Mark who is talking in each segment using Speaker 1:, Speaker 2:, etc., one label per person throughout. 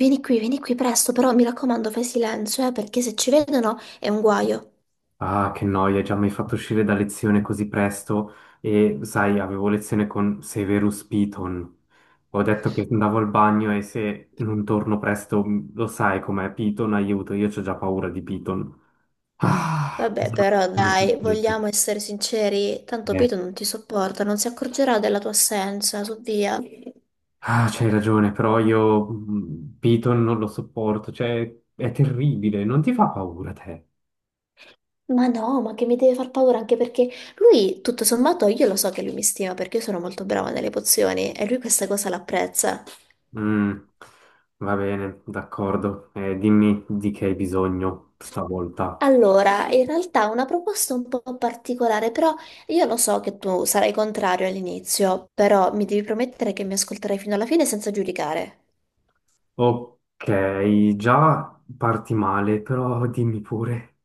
Speaker 1: Vieni qui presto, però mi raccomando, fai silenzio, perché se ci vedono è un guaio.
Speaker 2: Ah, che noia, già mi hai fatto uscire da lezione così presto e sai, avevo lezione con Severus Piton. Ho detto che andavo al bagno e se non torno presto, lo sai com'è Piton, aiuto, io ho già paura di Piton. Ah,
Speaker 1: Vabbè,
Speaker 2: cosa
Speaker 1: però
Speaker 2: cosa
Speaker 1: dai,
Speaker 2: succede?
Speaker 1: vogliamo essere sinceri, tanto
Speaker 2: Eh,
Speaker 1: Pito non ti sopporta, non si accorgerà della tua assenza, su via.
Speaker 2: ah, c'hai ragione, però io Piton non lo sopporto, cioè è terribile, non ti fa paura te?
Speaker 1: Ma no, ma che mi deve far paura anche perché lui, tutto sommato, io lo so che lui mi stima perché io sono molto brava nelle pozioni e lui questa cosa l'apprezza.
Speaker 2: Mm, Va bene, d'accordo, dimmi di che hai bisogno stavolta.
Speaker 1: Allora, in realtà è una proposta un po' particolare, però io lo so che tu sarai contrario all'inizio, però mi devi promettere che mi ascolterai fino alla fine senza giudicare.
Speaker 2: Ok, già parti male, però dimmi pure.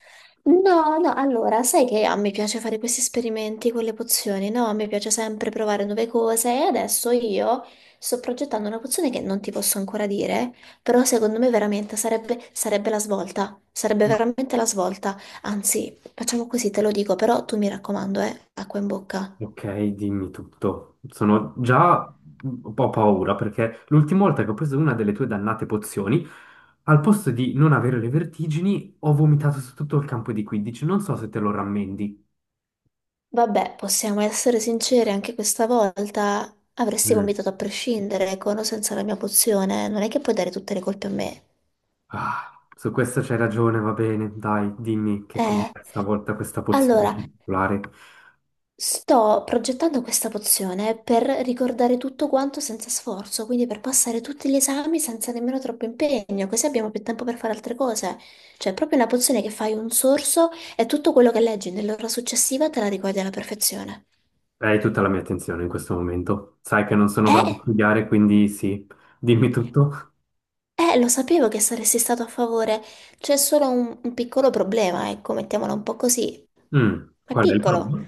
Speaker 1: No, no, allora, sai che a me piace fare questi esperimenti con le pozioni, no? A me piace sempre provare nuove cose e adesso io sto progettando una pozione che non ti posso ancora dire, però secondo me veramente sarebbe la svolta, sarebbe veramente la svolta. Anzi, facciamo così, te lo dico, però tu mi raccomando, acqua in bocca.
Speaker 2: Ok, dimmi tutto. Sono già un po' paura perché l'ultima volta che ho preso una delle tue dannate pozioni, al posto di non avere le vertigini, ho vomitato su tutto il campo di 15. Non so se te lo rammendi.
Speaker 1: Vabbè, possiamo essere sinceri, anche questa volta avresti
Speaker 2: Mm.
Speaker 1: vomitato a prescindere, con o senza la mia pozione, non è che puoi dare tutte le colpe a me.
Speaker 2: Ah, su questo c'hai ragione, va bene. Dai, dimmi che cos'è
Speaker 1: Eh,
Speaker 2: stavolta questa pozione
Speaker 1: allora,
Speaker 2: particolare.
Speaker 1: sto progettando questa pozione per ricordare tutto quanto senza sforzo, quindi per passare tutti gli esami senza nemmeno troppo impegno, così abbiamo più tempo per fare altre cose. Cioè, è proprio una pozione che fai un sorso e tutto quello che leggi nell'ora successiva te la ricordi alla perfezione.
Speaker 2: Hai tutta la mia attenzione in questo momento. Sai che non sono bravo a
Speaker 1: Eh?
Speaker 2: studiare, quindi sì, dimmi tutto.
Speaker 1: Lo sapevo che saresti stato a favore. C'è solo un piccolo problema, ecco, mettiamolo un po' così. Ma è
Speaker 2: Qual è il
Speaker 1: piccolo.
Speaker 2: problema?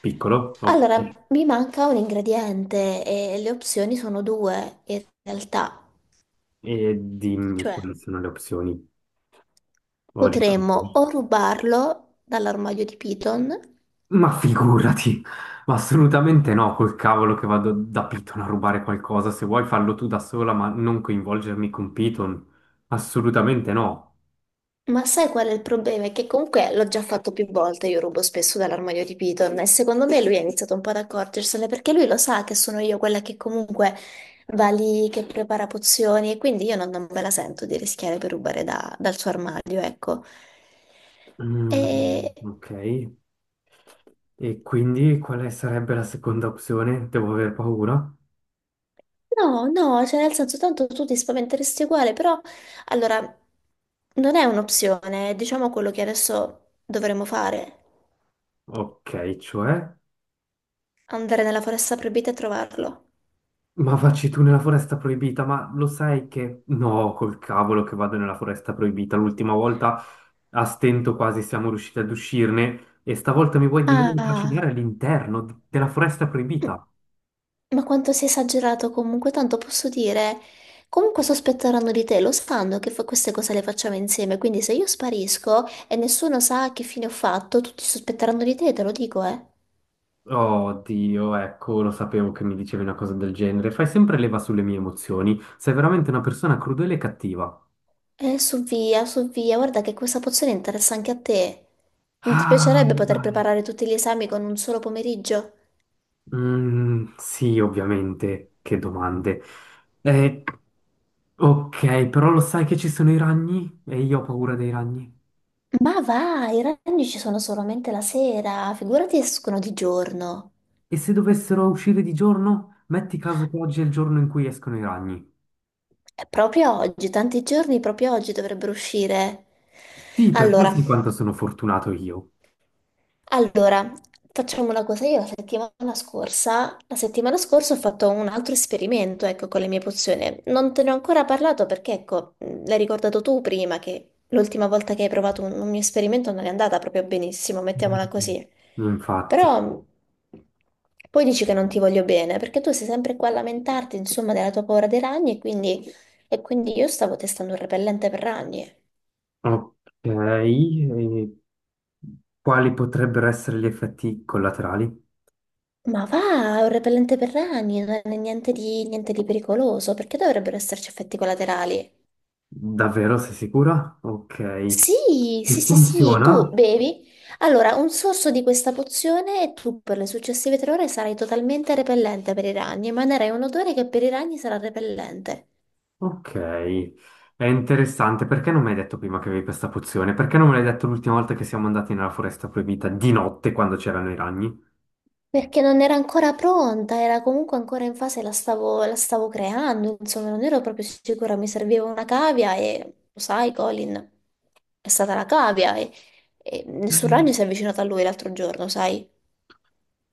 Speaker 2: Piccolo?
Speaker 1: Allora,
Speaker 2: Ok.
Speaker 1: mi manca un ingrediente e le opzioni sono due, in realtà.
Speaker 2: E dimmi quali
Speaker 1: Cioè,
Speaker 2: sono le opzioni. Ho già capito.
Speaker 1: potremmo o rubarlo dall'armadio di Python.
Speaker 2: Ma figurati, ma assolutamente no, col cavolo che vado da Python a rubare qualcosa. Se vuoi farlo tu da sola, ma non coinvolgermi con Python. Assolutamente no.
Speaker 1: Ma sai qual è il problema? È che comunque l'ho già fatto più volte, io rubo spesso dall'armadio di Piton e secondo me lui ha iniziato un po' ad accorgersene perché lui lo sa che sono io quella che comunque va lì, che prepara pozioni e quindi io non me la sento di rischiare per rubare dal suo armadio, ecco. E...
Speaker 2: Mm, ok, e quindi quale sarebbe la seconda opzione? Devo aver paura?
Speaker 1: No, no, cioè nel senso tanto tu ti spaventeresti uguale, però allora non è un'opzione, è, diciamo quello che adesso dovremmo fare,
Speaker 2: Ok, cioè?
Speaker 1: andare nella foresta proibita e trovarlo.
Speaker 2: Ma vacci tu nella foresta proibita, ma lo sai che. No, col cavolo che vado nella foresta proibita. L'ultima volta a stento quasi siamo riusciti ad uscirne e stavolta mi vuoi di nuovo
Speaker 1: Ah,
Speaker 2: trascinare all'interno della foresta
Speaker 1: m-
Speaker 2: proibita.
Speaker 1: ma quanto sei esagerato comunque, tanto posso dire, comunque sospetteranno di te, lo sanno che queste cose le facciamo insieme, quindi se io sparisco e nessuno sa che fine ho fatto, tutti sospetteranno di te, te lo dico, eh.
Speaker 2: Oh Dio, ecco, lo sapevo che mi dicevi una cosa del genere. Fai sempre leva sulle mie emozioni. Sei veramente una persona crudele e cattiva.
Speaker 1: Su via, su via, guarda che questa pozione interessa anche a te. Non ti
Speaker 2: Ah,
Speaker 1: piacerebbe poter
Speaker 2: dai.
Speaker 1: preparare tutti gli esami con un solo pomeriggio?
Speaker 2: Mm, sì, ovviamente. Che domande. Eh, Ok, però lo sai che ci sono i ragni? E io ho paura dei ragni.
Speaker 1: Ma va, i ragni ci sono solamente la sera, figurati escono di giorno.
Speaker 2: E se dovessero uscire di giorno? Metti caso che oggi è il giorno in cui escono i ragni.
Speaker 1: È proprio oggi, tanti giorni, proprio oggi dovrebbero uscire.
Speaker 2: Sì, perché lo
Speaker 1: Allora,
Speaker 2: sai quanto sono fortunato io.
Speaker 1: allora, facciamo una cosa. Io la settimana scorsa ho fatto un altro esperimento, ecco, con le mie pozioni. Non te ne ho ancora parlato perché, ecco, l'hai ricordato tu prima che l'ultima volta che hai provato un mio esperimento non è andata proprio benissimo, mettiamola
Speaker 2: Mm.
Speaker 1: così.
Speaker 2: Infatti.
Speaker 1: Però poi dici che non ti voglio bene, perché tu sei sempre qua a lamentarti, insomma, della tua paura dei ragni e quindi io stavo testando un repellente per ragni.
Speaker 2: Ok, e quali potrebbero essere gli effetti collaterali?
Speaker 1: Ma va, è un repellente per rani, non è niente di pericoloso, perché dovrebbero esserci effetti collaterali?
Speaker 2: Davvero, sei sicura? Ok. E
Speaker 1: Sì, sì, sì, sì,
Speaker 2: funziona?
Speaker 1: tu bevi. Allora, un sorso di questa pozione e tu per le successive 3 ore sarai totalmente repellente per i ragni, emanerai un odore che per i ragni sarà repellente.
Speaker 2: Ok, è interessante. Perché non mi hai detto prima che avevi questa pozione? Perché non me l'hai detto l'ultima volta che siamo andati nella foresta proibita di notte quando c'erano i ragni?
Speaker 1: Perché non era ancora pronta, era comunque ancora in fase, la stavo creando, insomma, non ero proprio sicura, mi serviva una cavia e lo sai, Colin, è stata la cavia e nessun ragno si è avvicinato a lui l'altro giorno, sai?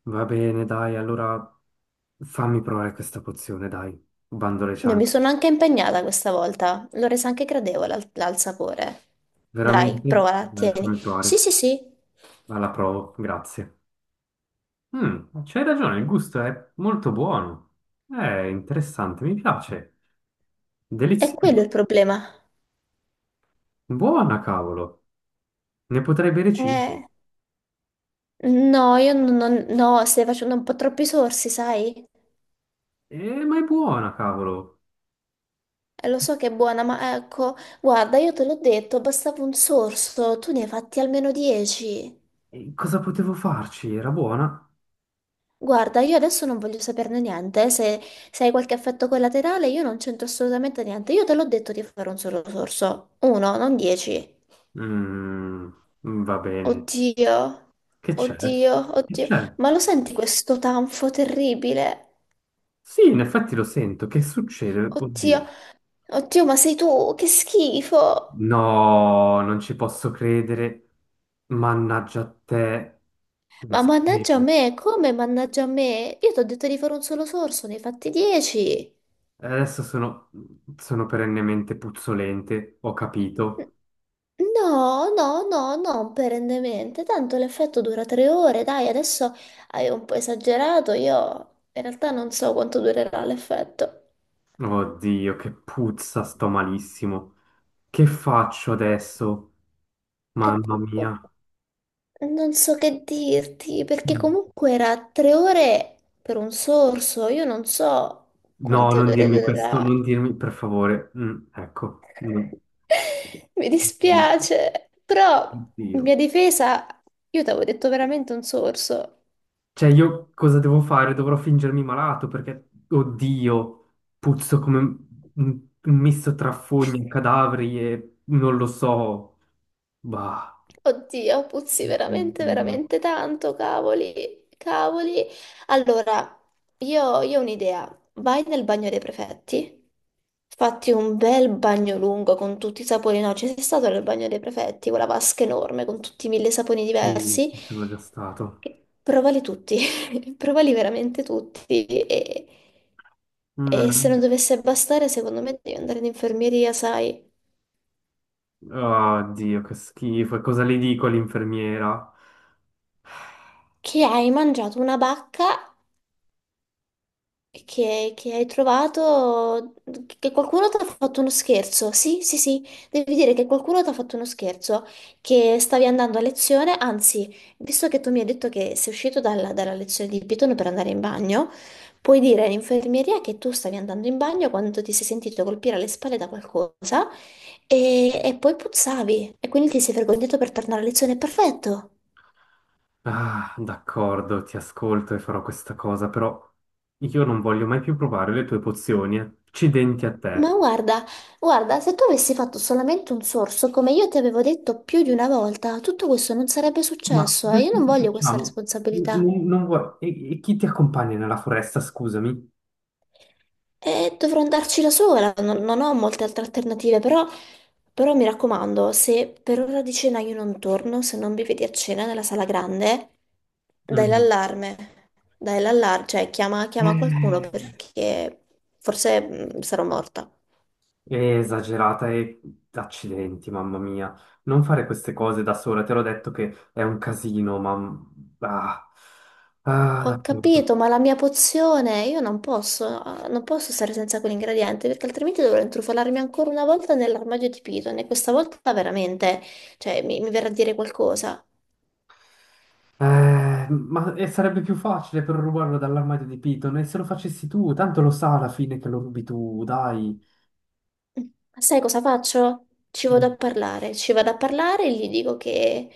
Speaker 2: Va bene, dai, allora fammi provare questa pozione, dai. Bando le
Speaker 1: Io mi
Speaker 2: ciance.
Speaker 1: sono anche impegnata questa volta, l'ho resa anche gradevole al sapore. Dai,
Speaker 2: Veramente?
Speaker 1: provala,
Speaker 2: Dai, fammi
Speaker 1: tieni. Sì,
Speaker 2: provare.
Speaker 1: sì, sì,
Speaker 2: Alla provo, grazie. C'hai ragione, il gusto è molto buono. È interessante, mi piace.
Speaker 1: è quello
Speaker 2: Delizioso.
Speaker 1: il problema.
Speaker 2: Buona, cavolo. Ne potrei bere 5.
Speaker 1: Eh, no, io no, stai facendo un po' troppi sorsi, sai?
Speaker 2: Ma è buona, cavolo.
Speaker 1: Lo so che è buona, ma ecco, guarda, io te l'ho detto, bastava un sorso, tu ne hai fatti almeno 10.
Speaker 2: E cosa potevo farci? Era buona?
Speaker 1: Guarda, io adesso non voglio saperne niente, se hai qualche effetto collaterale io non c'entro assolutamente niente, io te l'ho detto di fare un solo sorso, uno, non 10.
Speaker 2: Mm, Va bene.
Speaker 1: Oddio,
Speaker 2: Che c'è?
Speaker 1: oddio,
Speaker 2: Che
Speaker 1: oddio,
Speaker 2: c'è?
Speaker 1: ma lo senti questo tanfo terribile?
Speaker 2: Sì, in effetti lo sento. Che succede?
Speaker 1: Oddio,
Speaker 2: Oddio.
Speaker 1: oddio, ma sei tu, che schifo!
Speaker 2: No, non ci posso credere. Mannaggia a te. Lo
Speaker 1: Ma mannaggia a
Speaker 2: sapevo.
Speaker 1: me, come mannaggia a me? Io ti ho detto di fare un solo sorso, ne hai fatti 10.
Speaker 2: Adesso sono perennemente puzzolente, ho capito.
Speaker 1: No, no, no, non perennemente, tanto l'effetto dura 3 ore, dai, adesso hai un po' esagerato, io in realtà non so quanto durerà l'effetto.
Speaker 2: Oddio, che puzza, sto malissimo. Che faccio adesso?
Speaker 1: E-
Speaker 2: Mamma mia.
Speaker 1: Non so che dirti, perché comunque era 3 ore per un sorso, io non so
Speaker 2: No,
Speaker 1: quante
Speaker 2: non
Speaker 1: ore
Speaker 2: dirmi questo,
Speaker 1: durerà.
Speaker 2: non dirmi, per favore. Mm, ecco. Mm.
Speaker 1: Mi
Speaker 2: No.
Speaker 1: dispiace, però in
Speaker 2: Oddio.
Speaker 1: mia difesa io ti avevo detto veramente un sorso.
Speaker 2: Cioè, io cosa devo fare? Dovrò fingermi malato perché, oddio, puzzo come un misto tra fogne, cadaveri e non lo so. Bah,
Speaker 1: Oddio, puzzi veramente,
Speaker 2: oddio.
Speaker 1: veramente tanto, cavoli, cavoli. Allora, io ho un'idea. Vai nel bagno dei prefetti, fatti un bel bagno lungo con tutti i saponi. No, ci sei stato nel bagno dei prefetti, quella vasca enorme con tutti i mille saponi
Speaker 2: Sì,
Speaker 1: diversi.
Speaker 2: ci sono già stato.
Speaker 1: Provali tutti, provali veramente tutti. E se non
Speaker 2: Mm.
Speaker 1: dovesse bastare, secondo me devi andare in infermeria, sai,
Speaker 2: Oddio, che schifo. E cosa le dico all'infermiera?
Speaker 1: che hai mangiato una bacca che hai trovato, che qualcuno ti ha fatto uno scherzo. Sì, sì, sì, devi dire che qualcuno ti ha fatto uno scherzo, che stavi andando a lezione, anzi, visto che tu mi hai detto che sei uscito dalla lezione di Python per andare in bagno, puoi dire all'infermieria che tu stavi andando in bagno quando ti sei sentito colpire alle spalle da qualcosa e poi puzzavi e quindi ti sei vergognato per tornare a lezione. Perfetto.
Speaker 2: Ah, d'accordo, ti ascolto e farò questa cosa, però io non voglio mai più provare le tue pozioni. Eh. Accidenti a te.
Speaker 1: Ma guarda, guarda, se tu avessi fatto solamente un sorso, come io ti avevo detto più di una volta, tutto questo non sarebbe
Speaker 2: Ma
Speaker 1: successo e
Speaker 2: adesso
Speaker 1: io non
Speaker 2: cosa
Speaker 1: voglio questa
Speaker 2: facciamo? N-
Speaker 1: responsabilità.
Speaker 2: non- non vuoi- E chi ti accompagna nella foresta, scusami?
Speaker 1: E dovrò andarci da sola, non ho molte altre alternative, però, però mi raccomando, se per ora di cena io non torno, se non mi vedi a cena nella sala grande, dai
Speaker 2: Mm.
Speaker 1: l'allarme, dai l'allarme, cioè chiama,
Speaker 2: È
Speaker 1: chiama qualcuno perché forse sarò morta.
Speaker 2: esagerata e accidenti, mamma mia. Non fare queste cose da sola, te l'ho detto che è un casino. Ah, ah,
Speaker 1: Ho
Speaker 2: d'accordo.
Speaker 1: capito, ma la mia pozione io non posso stare senza quell'ingrediente perché altrimenti dovrò intrufolarmi ancora una volta nell'armadio di Python e questa volta veramente, cioè, mi verrà a dire qualcosa.
Speaker 2: Ma e sarebbe più facile per rubarlo dall'armadio di Piton e se lo facessi tu, tanto lo sa alla fine che lo rubi tu, dai.
Speaker 1: Mm, Ma sai cosa faccio? Ci vado
Speaker 2: Mm.
Speaker 1: a parlare, ci vado a parlare e gli dico che,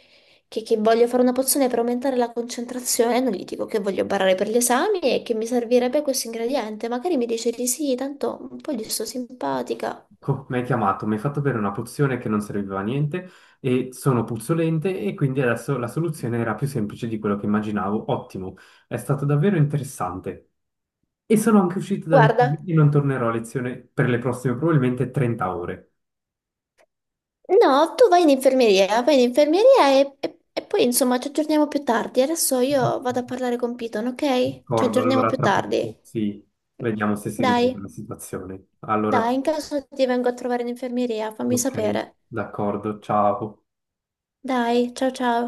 Speaker 1: che voglio fare una pozione per aumentare la concentrazione, non gli dico che voglio barare per gli esami e che mi servirebbe questo ingrediente. Magari mi dice di sì, tanto un po' gli sto simpatica.
Speaker 2: Mi hai chiamato, mi hai fatto bere una pozione che non serviva a niente e sono puzzolente e quindi adesso la soluzione era più semplice di quello che immaginavo. Ottimo, è stato davvero interessante. E sono anche uscito da lezione
Speaker 1: Guarda.
Speaker 2: e non tornerò a lezione per le prossime probabilmente 30 ore.
Speaker 1: No, tu vai in infermeria e poi insomma ci aggiorniamo più tardi. Adesso io vado a parlare con Piton, ok? Ci
Speaker 2: D'accordo,
Speaker 1: aggiorniamo
Speaker 2: allora
Speaker 1: più
Speaker 2: tra
Speaker 1: tardi.
Speaker 2: poco, sì, vediamo se si
Speaker 1: Dai,
Speaker 2: risolve la situazione. Allora.
Speaker 1: dai, in caso ti vengo a trovare in infermeria, fammi
Speaker 2: Ok,
Speaker 1: sapere.
Speaker 2: d'accordo, ciao.
Speaker 1: Dai, ciao ciao.